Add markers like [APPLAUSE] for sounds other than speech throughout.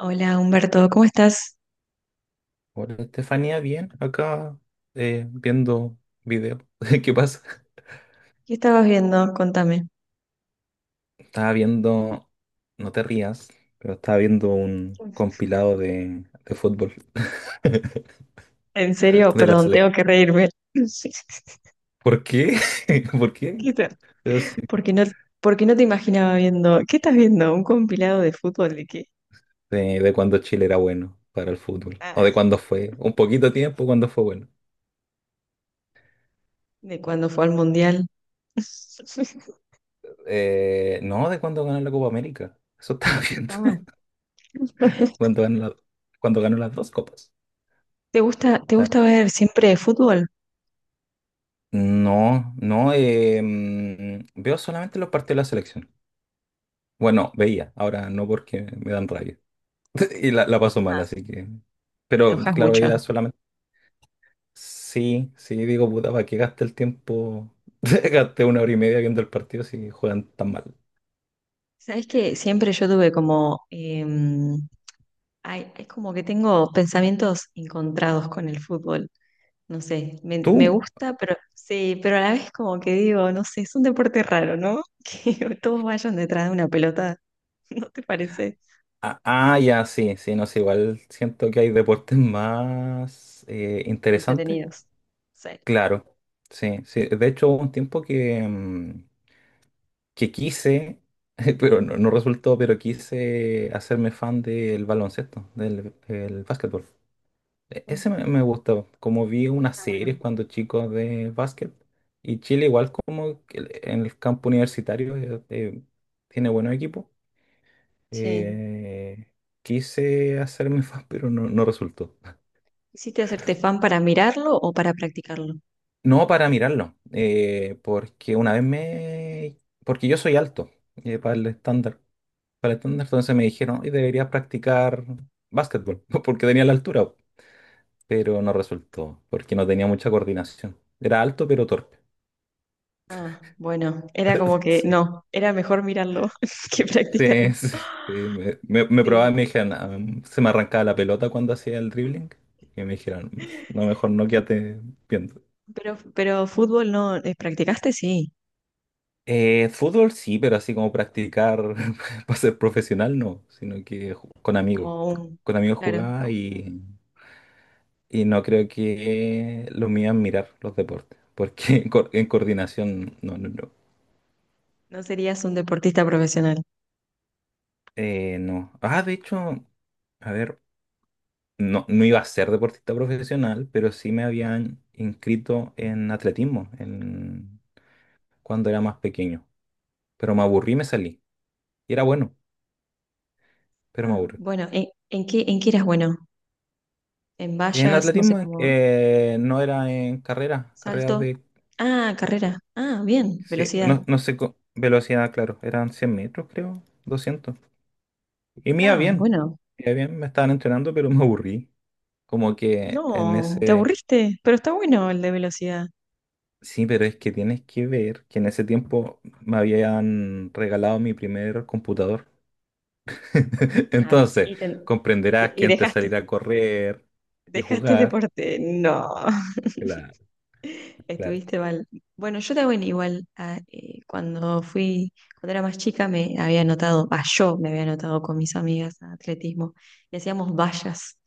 Hola Humberto, ¿cómo estás? Hola, Estefanía, bien, acá viendo video. [LAUGHS] ¿Qué pasa? ¿Qué estabas viendo? Contame. Estaba viendo, no te rías, pero estaba viendo un compilado de fútbol [LAUGHS] En serio, de la perdón, tengo selección. que reírme. [LAUGHS] ¿Por qué? [LAUGHS] ¿Por qué? ¿Qué tal? Pero sí, Porque no, porque no te imaginaba viendo. ¿Qué estás viendo? ¿Un compilado de fútbol de qué? de cuando Chile era bueno para el fútbol. O de Ah, cuando fue, un poquito de tiempo cuando fue bueno. de cuando fue al mundial. [LAUGHS] No, de cuando ganó la Copa América. Eso estaba [LAUGHS] viendo. Ah. Cuando ganó cuando ganó las dos copas. Te gusta ver siempre fútbol? No, no, veo solamente los partidos de la selección. Bueno, veía, ahora no porque me dan rabia. [LAUGHS] Y la paso mal, Ah, así que. te Pero enojas claro, mucho. era solamente. Sí, sí, digo, puta, ¿para qué gasté el tiempo? [LAUGHS] Gasté una hora y media viendo el partido si juegan tan mal. Sabes que siempre yo tuve como, ay, es como que tengo pensamientos encontrados con el fútbol. No sé, me ¿Tú? gusta, pero sí, pero a la vez como que digo, no sé, es un deporte raro, ¿no? [LAUGHS] Que todos vayan detrás de una pelota, [LAUGHS] ¿no te parece? Ah, ah, ya, sí, sí, no sé, igual siento que hay deportes más interesantes. Entretenidos. Sí. Claro, sí, sí. De hecho, hubo un tiempo que quise, [LAUGHS] pero no, no resultó, pero quise hacerme fan del baloncesto, del el básquetbol. Ese me, Mm, me gustó, como vi unas está series bueno. cuando chicos de básquet, y Chile igual como que en el campo universitario tiene buenos equipos. Sí. eh, quise hacerme [LAUGHS] fan, pero no, no resultó. ¿Hiciste hacerte fan para mirarlo o para practicarlo? No para mirarlo, porque una vez me. Porque yo soy alto, para el estándar. Para el estándar, entonces me dijeron, y deberías practicar básquetbol, [LAUGHS] porque tenía la altura, pero no resultó, porque no tenía mucha coordinación. Era alto, pero torpe. Ah, bueno, era como [LAUGHS] que Sí. no, era mejor mirarlo [LAUGHS] que practicarlo. Sí, sí, sí, Me probaba y Sí. me dijeron, "Ah, se me arrancaba la pelota cuando hacía el dribbling". Y me dijeron, no, mejor no, quédate viendo. Pero fútbol no, ¿practicaste? Sí, Fútbol sí, pero así como practicar [LAUGHS] para ser profesional no, sino que con amigos. como un, Con amigos claro, jugaba. Y no creo que lo mío es mirar los deportes, porque [LAUGHS] en coordinación, no, no, no. no serías un deportista profesional. No. Ah, de hecho, a ver, no, no iba a ser deportista profesional, pero sí me habían inscrito en atletismo cuando era más pequeño. Pero me aburrí y me salí. Y era bueno, pero me Ah, aburrí. bueno, en qué eras bueno? ¿En En vallas? No sé atletismo cómo. No era en carreras ¿Salto? de. Ah, carrera. Ah, bien, Sí, velocidad. no, no sé, velocidad, claro, eran 100 metros, creo, 200. Y me iba Ah, bien, bueno. me iba bien, me estaban entrenando, pero me aburrí. Como que en No, te ese. aburriste, pero está bueno el de velocidad. Sí, pero es que tienes que ver que en ese tiempo me habían regalado mi primer computador. [LAUGHS] Ah, Entonces, comprenderás que y entre dejaste, salir a correr y dejaste el jugar, deporte. No, claro [LAUGHS] la- estuviste mal. Bueno, yo también igual, ah, cuando fui, cuando era más chica me había anotado, ah, yo me había anotado con mis amigas a atletismo y hacíamos vallas.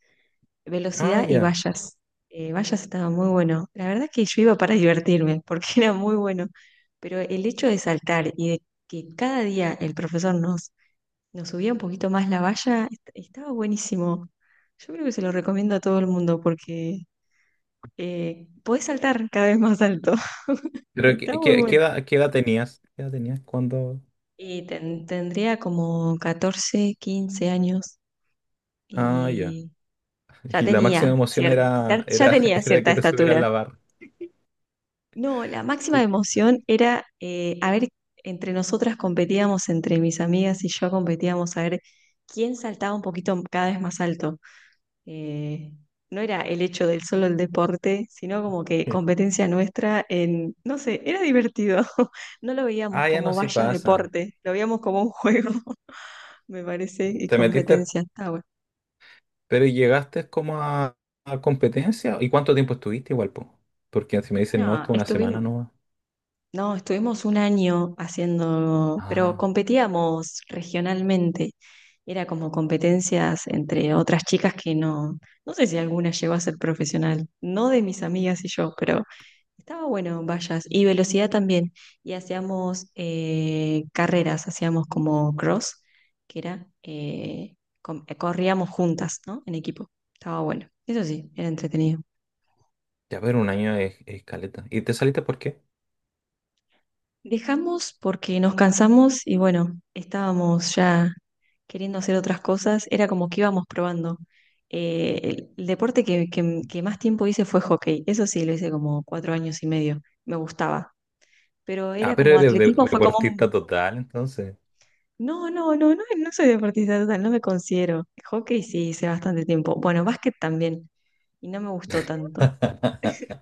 Ah, Velocidad y ya. vallas. Vallas estaba muy bueno. La verdad que yo iba para divertirme, porque [LAUGHS] era muy bueno. Pero el hecho de saltar y de que cada día el profesor nos subía un poquito más la valla, estaba buenísimo. Yo creo que se lo recomiendo a todo el mundo porque podés saltar cada vez más alto. [LAUGHS] Pero Está ¿qué, muy qué- qué bueno. edad, qué edad tenías? ¿Qué edad tenías cuando? Y tendría como 14, 15 años Ah, ya. y ya Y la máxima tenía emoción cierta, ya [LAUGHS] tenía era cierta que te subieran estatura. la barra. No, la máxima [LAUGHS] emoción era, a ver, entre nosotras competíamos, entre mis amigas y yo competíamos a ver quién saltaba un poquito cada vez más alto. Eh, no era el hecho del solo el deporte, sino como que competencia nuestra en, no sé, era divertido. [LAUGHS] No lo veíamos Ah, ya, no, como sí vaya pasa. deporte, lo veíamos como un juego, [LAUGHS] me parece, y Te metiste. competencia. Está bueno. Pero ¿y llegaste como a competencia? ¿Y cuánto tiempo estuviste igual, po? Porque si me dicen, no, No, estuve una semana, estuvimos. no. No, estuvimos un año haciendo, pero Ah, competíamos regionalmente. Era como competencias entre otras chicas que no, no sé si alguna llegó a ser profesional, no de mis amigas y yo, pero estaba bueno, vallas. Y velocidad también. Y hacíamos carreras, hacíamos como cross, que era, corríamos juntas, ¿no? En equipo. Estaba bueno. Eso sí, era entretenido. ya, pero un año es caleta. ¿Y te saliste por qué? Dejamos porque nos cansamos y bueno, estábamos ya queriendo hacer otras cosas, era como que íbamos probando. El deporte que, que más tiempo hice fue hockey, eso sí, lo hice como 4 años y medio, me gustaba, pero Ah, era pero como eres atletismo, fue como un... deportista total, entonces. No, no, no, no, no soy deportista total, no me considero. Hockey sí hice bastante tiempo, bueno, básquet también, y no me gustó tanto. [LAUGHS]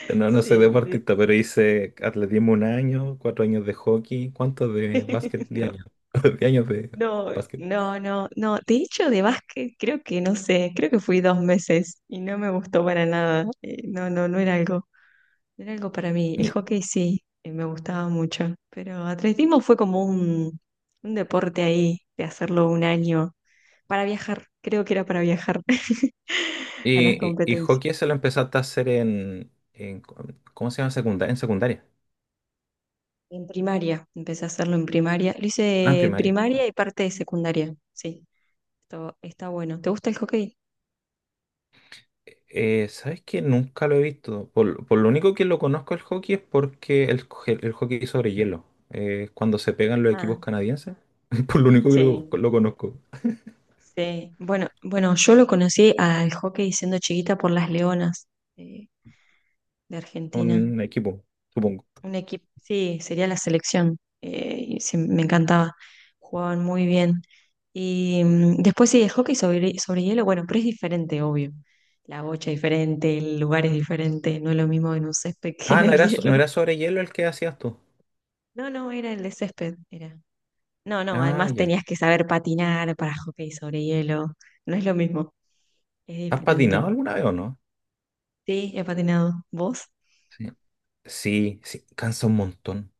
[LAUGHS] No, no soy Sí, de- deportista, pero hice atletismo un año, 4 años de hockey, ¿cuántos de básquet? [LAUGHS] Diez no. años. [LAUGHS] 10 años de No, básquet. no, no, no. De hecho, de básquet creo que no sé, creo que fui 2 meses y no me gustó para nada. No, no, no era algo, no era algo para mí. El hockey sí, me gustaba mucho, pero atletismo fue como un deporte ahí de hacerlo un año para viajar. Creo que era para viajar [LAUGHS] a las Y competencias. hockey se lo empezaste a hacer ¿cómo se llama? Secundaria, en secundaria. En primaria, empecé a hacerlo en primaria. Lo Ah, en hice primaria. primaria y parte de secundaria. Sí, esto está bueno. ¿Te gusta el hockey? ¿Sabes qué? Nunca lo he visto. Por lo único que lo conozco el hockey es porque el hockey sobre hielo. Cuando se pegan los equipos Ah, canadienses. [LAUGHS] Por lo único que lo, sí. lo conozco. Sí, bueno, bueno, yo lo conocí al hockey siendo chiquita por las Leonas eh, de Argentina. Un equipo, supongo. Un equipo, sí, sería la selección. Y sí, me encantaba. Jugaban muy bien. Y mm, después sí, el hockey sobre hielo, bueno, pero es diferente, obvio. La bocha es diferente, el lugar es diferente, no es lo mismo en un césped [LAUGHS] que Ah, en ¿no el era, so- no hielo. era sobre hielo el que hacías tú? No, no, era el de césped, era. No, no, Ah, además ya. tenías que saber patinar para hockey sobre hielo. No es lo mismo, es ¿Has diferente. patinado alguna vez o no? Sí, he patinado. ¿Vos? Sí. Sí, sí, cansa un montón.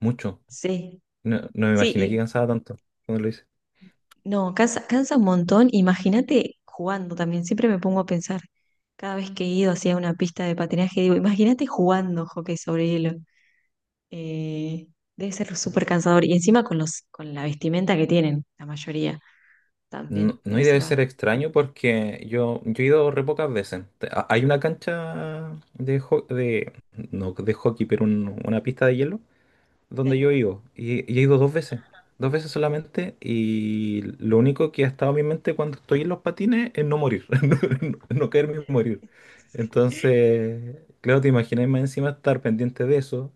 Mucho. Sí. No, no me Sí, imaginé que y cansaba tanto cuando lo hice. no, cansa, cansa un montón. Imagínate jugando también. Siempre me pongo a pensar. Cada vez que he ido hacia una pista de patinaje, digo, imagínate jugando hockey sobre hielo. Eh, debe ser súper cansador. Y encima con los, con la vestimenta que tienen, la mayoría también. No, no, y Debe debe ser ser extraño porque yo he ido re pocas veces. Hay una cancha de no de hockey, pero una pista de hielo donde yo he bastante. ido. Y he ido dos veces. Dos veces solamente. Y lo único que ha estado en mi mente cuando estoy en los patines es no morir. [LAUGHS] No, no caerme y morir. Entonces, claro, te imaginas más encima estar pendiente de eso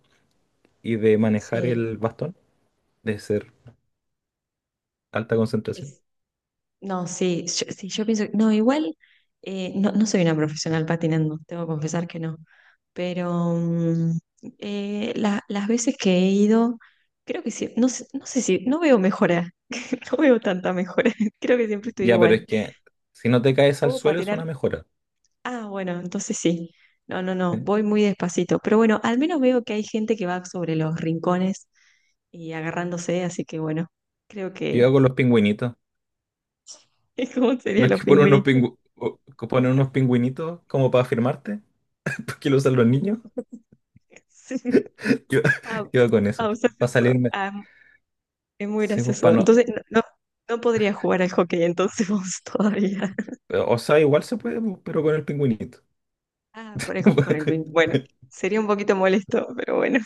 y de manejar Sí. el bastón, de ser alta concentración. Sí. No, sí, sí, yo pienso, no, igual, no, no soy una profesional patinando, tengo que confesar que no, pero mm, las veces que he ido, creo que sí, no, no sé si, no veo mejora, [LAUGHS] no veo tanta mejora, [LAUGHS] creo que siempre estoy Ya, pero igual. es que si no te caes al ¿Puedo suelo es una patinar? mejora. Ah, bueno, entonces sí, no, no, no, Sí. voy muy despacito, pero bueno, al menos veo que hay gente que va sobre los rincones y agarrándose, así que bueno, creo Yo que hago los pingüinitos. [LAUGHS] es como No serían es los que ponen unos pingüinitos. Pingüinitos como para firmarte, [LAUGHS] porque lo usan los niños. [LAUGHS] Yo, Ah, [LAUGHS] yo hago con eso. ah, usas Para eso. salirme. Ah, es muy Sí, pues, gracioso. para no. Entonces, no, no, no podría jugar al hockey entonces vos [LAUGHS] todavía. O sea, igual se puede, pues, pero con el pingüinito. Ah, por por el bien. Bueno, [LAUGHS] sería un poquito molesto, pero bueno,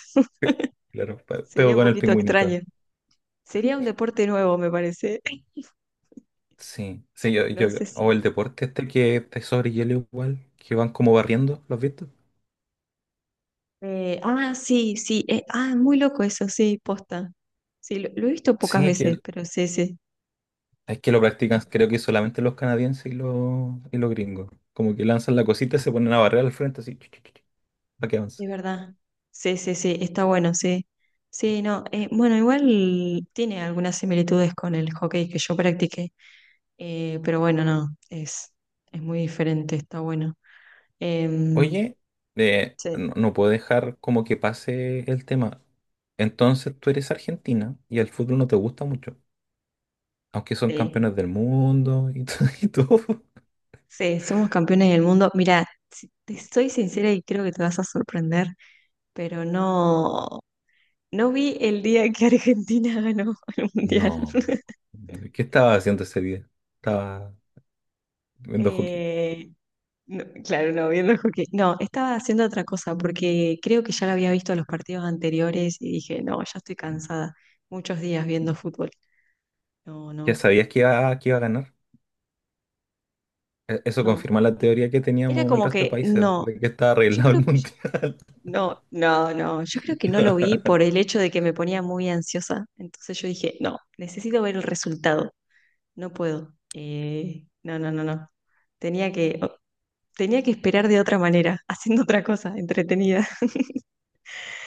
Claro, sería pero un con el poquito pingüinito. extraño. Sería un deporte nuevo, me parece. [LAUGHS] Sí, sí, No sé si. o el deporte este que es sobre hielo igual, que van como barriendo, ¿lo has visto? Ah, sí, sí. Ah, muy loco eso, sí, posta. Sí, lo he visto pocas Sí, que veces, pero sí, sí. es que lo practican, Es, creo que solamente los canadienses y los gringos. Como que lanzan la cosita y se ponen a barrer al frente así, para que avance. es verdad. Sí, sí, sí, está bueno, sí. Sí, no. Bueno, igual tiene algunas similitudes con el hockey que yo practiqué. Pero bueno, no, es muy diferente, está bueno. Em, Oye, no, sí. no puedo dejar como que pase el tema. Entonces tú eres argentina y el fútbol no te gusta mucho, aunque son Sí, campeones del mundo [LAUGHS] y todo. sí, somos campeones del mundo. Mira, si- te soy sincera y creo que te vas a sorprender, pero no, no vi el día que Argentina [LAUGHS] ganó el Mundial. No. [LAUGHS] ¿Qué estaba haciendo ese día? Estaba viendo hockey. Eh, no, claro, no, viendo el hockey. No, estaba haciendo otra cosa porque creo que ya lo había visto los partidos anteriores y dije, no, ya estoy cansada. Muchos días viendo fútbol. No, ¿Ya no, sabías que iba a ganar? Eso confirma no. la teoría que Era teníamos el como resto de que países, no, de que estaba yo arreglado el [LAUGHS] creo que mundial. no, no, no, yo creo que no lo vi [LAUGHS] por el hecho de que me ponía muy ansiosa. Entonces yo dije, no, necesito ver el resultado, no puedo. No, no, no, no. Tenía que, tenía que esperar de otra manera, [LAUGHS] haciendo otra cosa entretenida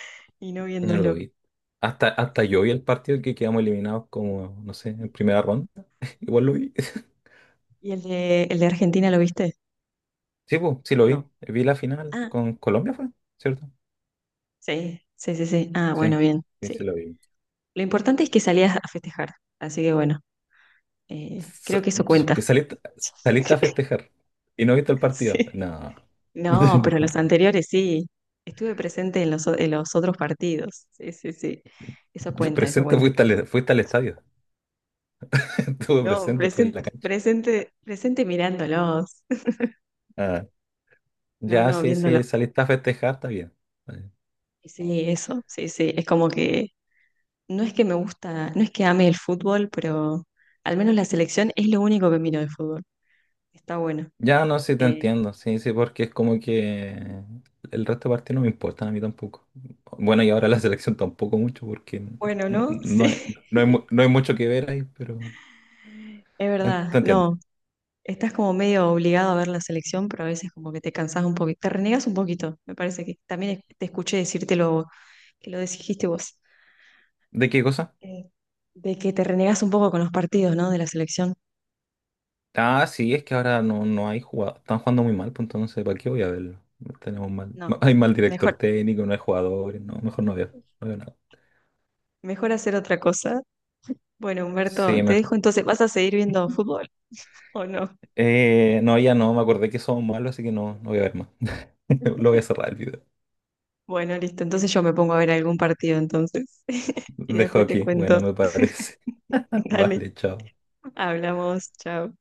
[LAUGHS] y no Yo no lo viéndolo. vi. Hasta yo vi el partido que quedamos eliminados como, no sé, en primera ronda. [LAUGHS] Igual lo vi. ¿Y el el de Argentina lo viste? Sí, pues, sí lo vi. No. Vi la final Ah, con Colombia, ¿fue? ¿Cierto? sí, sí, sí, sí. Ah, Sí, bueno, bien, sí, sí sí. lo vi. Lo importante es que salías a festejar, así que bueno, Sa- creo que eso cuenta. que saliste a [LAUGHS] festejar y no viste el partido. Sí. No. No, [LAUGHS] pero los No. anteriores sí. Estuve presente en en los otros partidos. Sí, sí, sí. Eso cuenta, eso Presente, cuenta. fuiste al estadio. [LAUGHS] Estuve No, presente, estuve en presente, la cancha. presente, presente mirándolos. [LAUGHS] Ah, No, ya, no, sí, viéndolo. sí, saliste a festejar, está bien. Y sí, eso, sí, sí. Es como que no es que me gusta, no es que ame el fútbol, pero al menos la selección es lo único que miro de fútbol. Está bueno. Ya, no, sí te Eh, entiendo. Sí, sí, porque es como que el resto de partidos no me importan a mí tampoco. Bueno, y ahora la selección tampoco mucho porque bueno, no, ¿no? [LAUGHS] Sí, no hay, no hay mucho que ver ahí, pero. es verdad. Te entiendo. No, estás como medio obligado a ver la selección, pero a veces como que te cansás un poquito, te renegas un poquito, me parece que también te escuché decírtelo, que lo dijiste vos, ¿De qué cosa? eh, de que te renegas un poco con los partidos, ¿no? De la selección. Ah, sí, es que ahora no hay jugadores. Están jugando muy mal, pues entonces, ¿para qué voy a verlo? Tenemos mal. [LAUGHS] No, Hay mal director mejor, técnico, no hay jugadores, no, mejor no veo. No veo nada. mejor hacer otra cosa. Bueno, Humberto, Sí, te mejor. dejo entonces, ¿vas a seguir viendo fútbol o no? No, ya no, me acordé que somos malos, así que no, no voy a ver más. [LAUGHS] Lo voy a cerrar el video. Bueno, listo, entonces yo me pongo a ver algún partido entonces [LAUGHS] y Dejo después te aquí. cuento. Bueno, me parece. [LAUGHS] [LAUGHS] Dale, Vale, chao. hablamos, chao.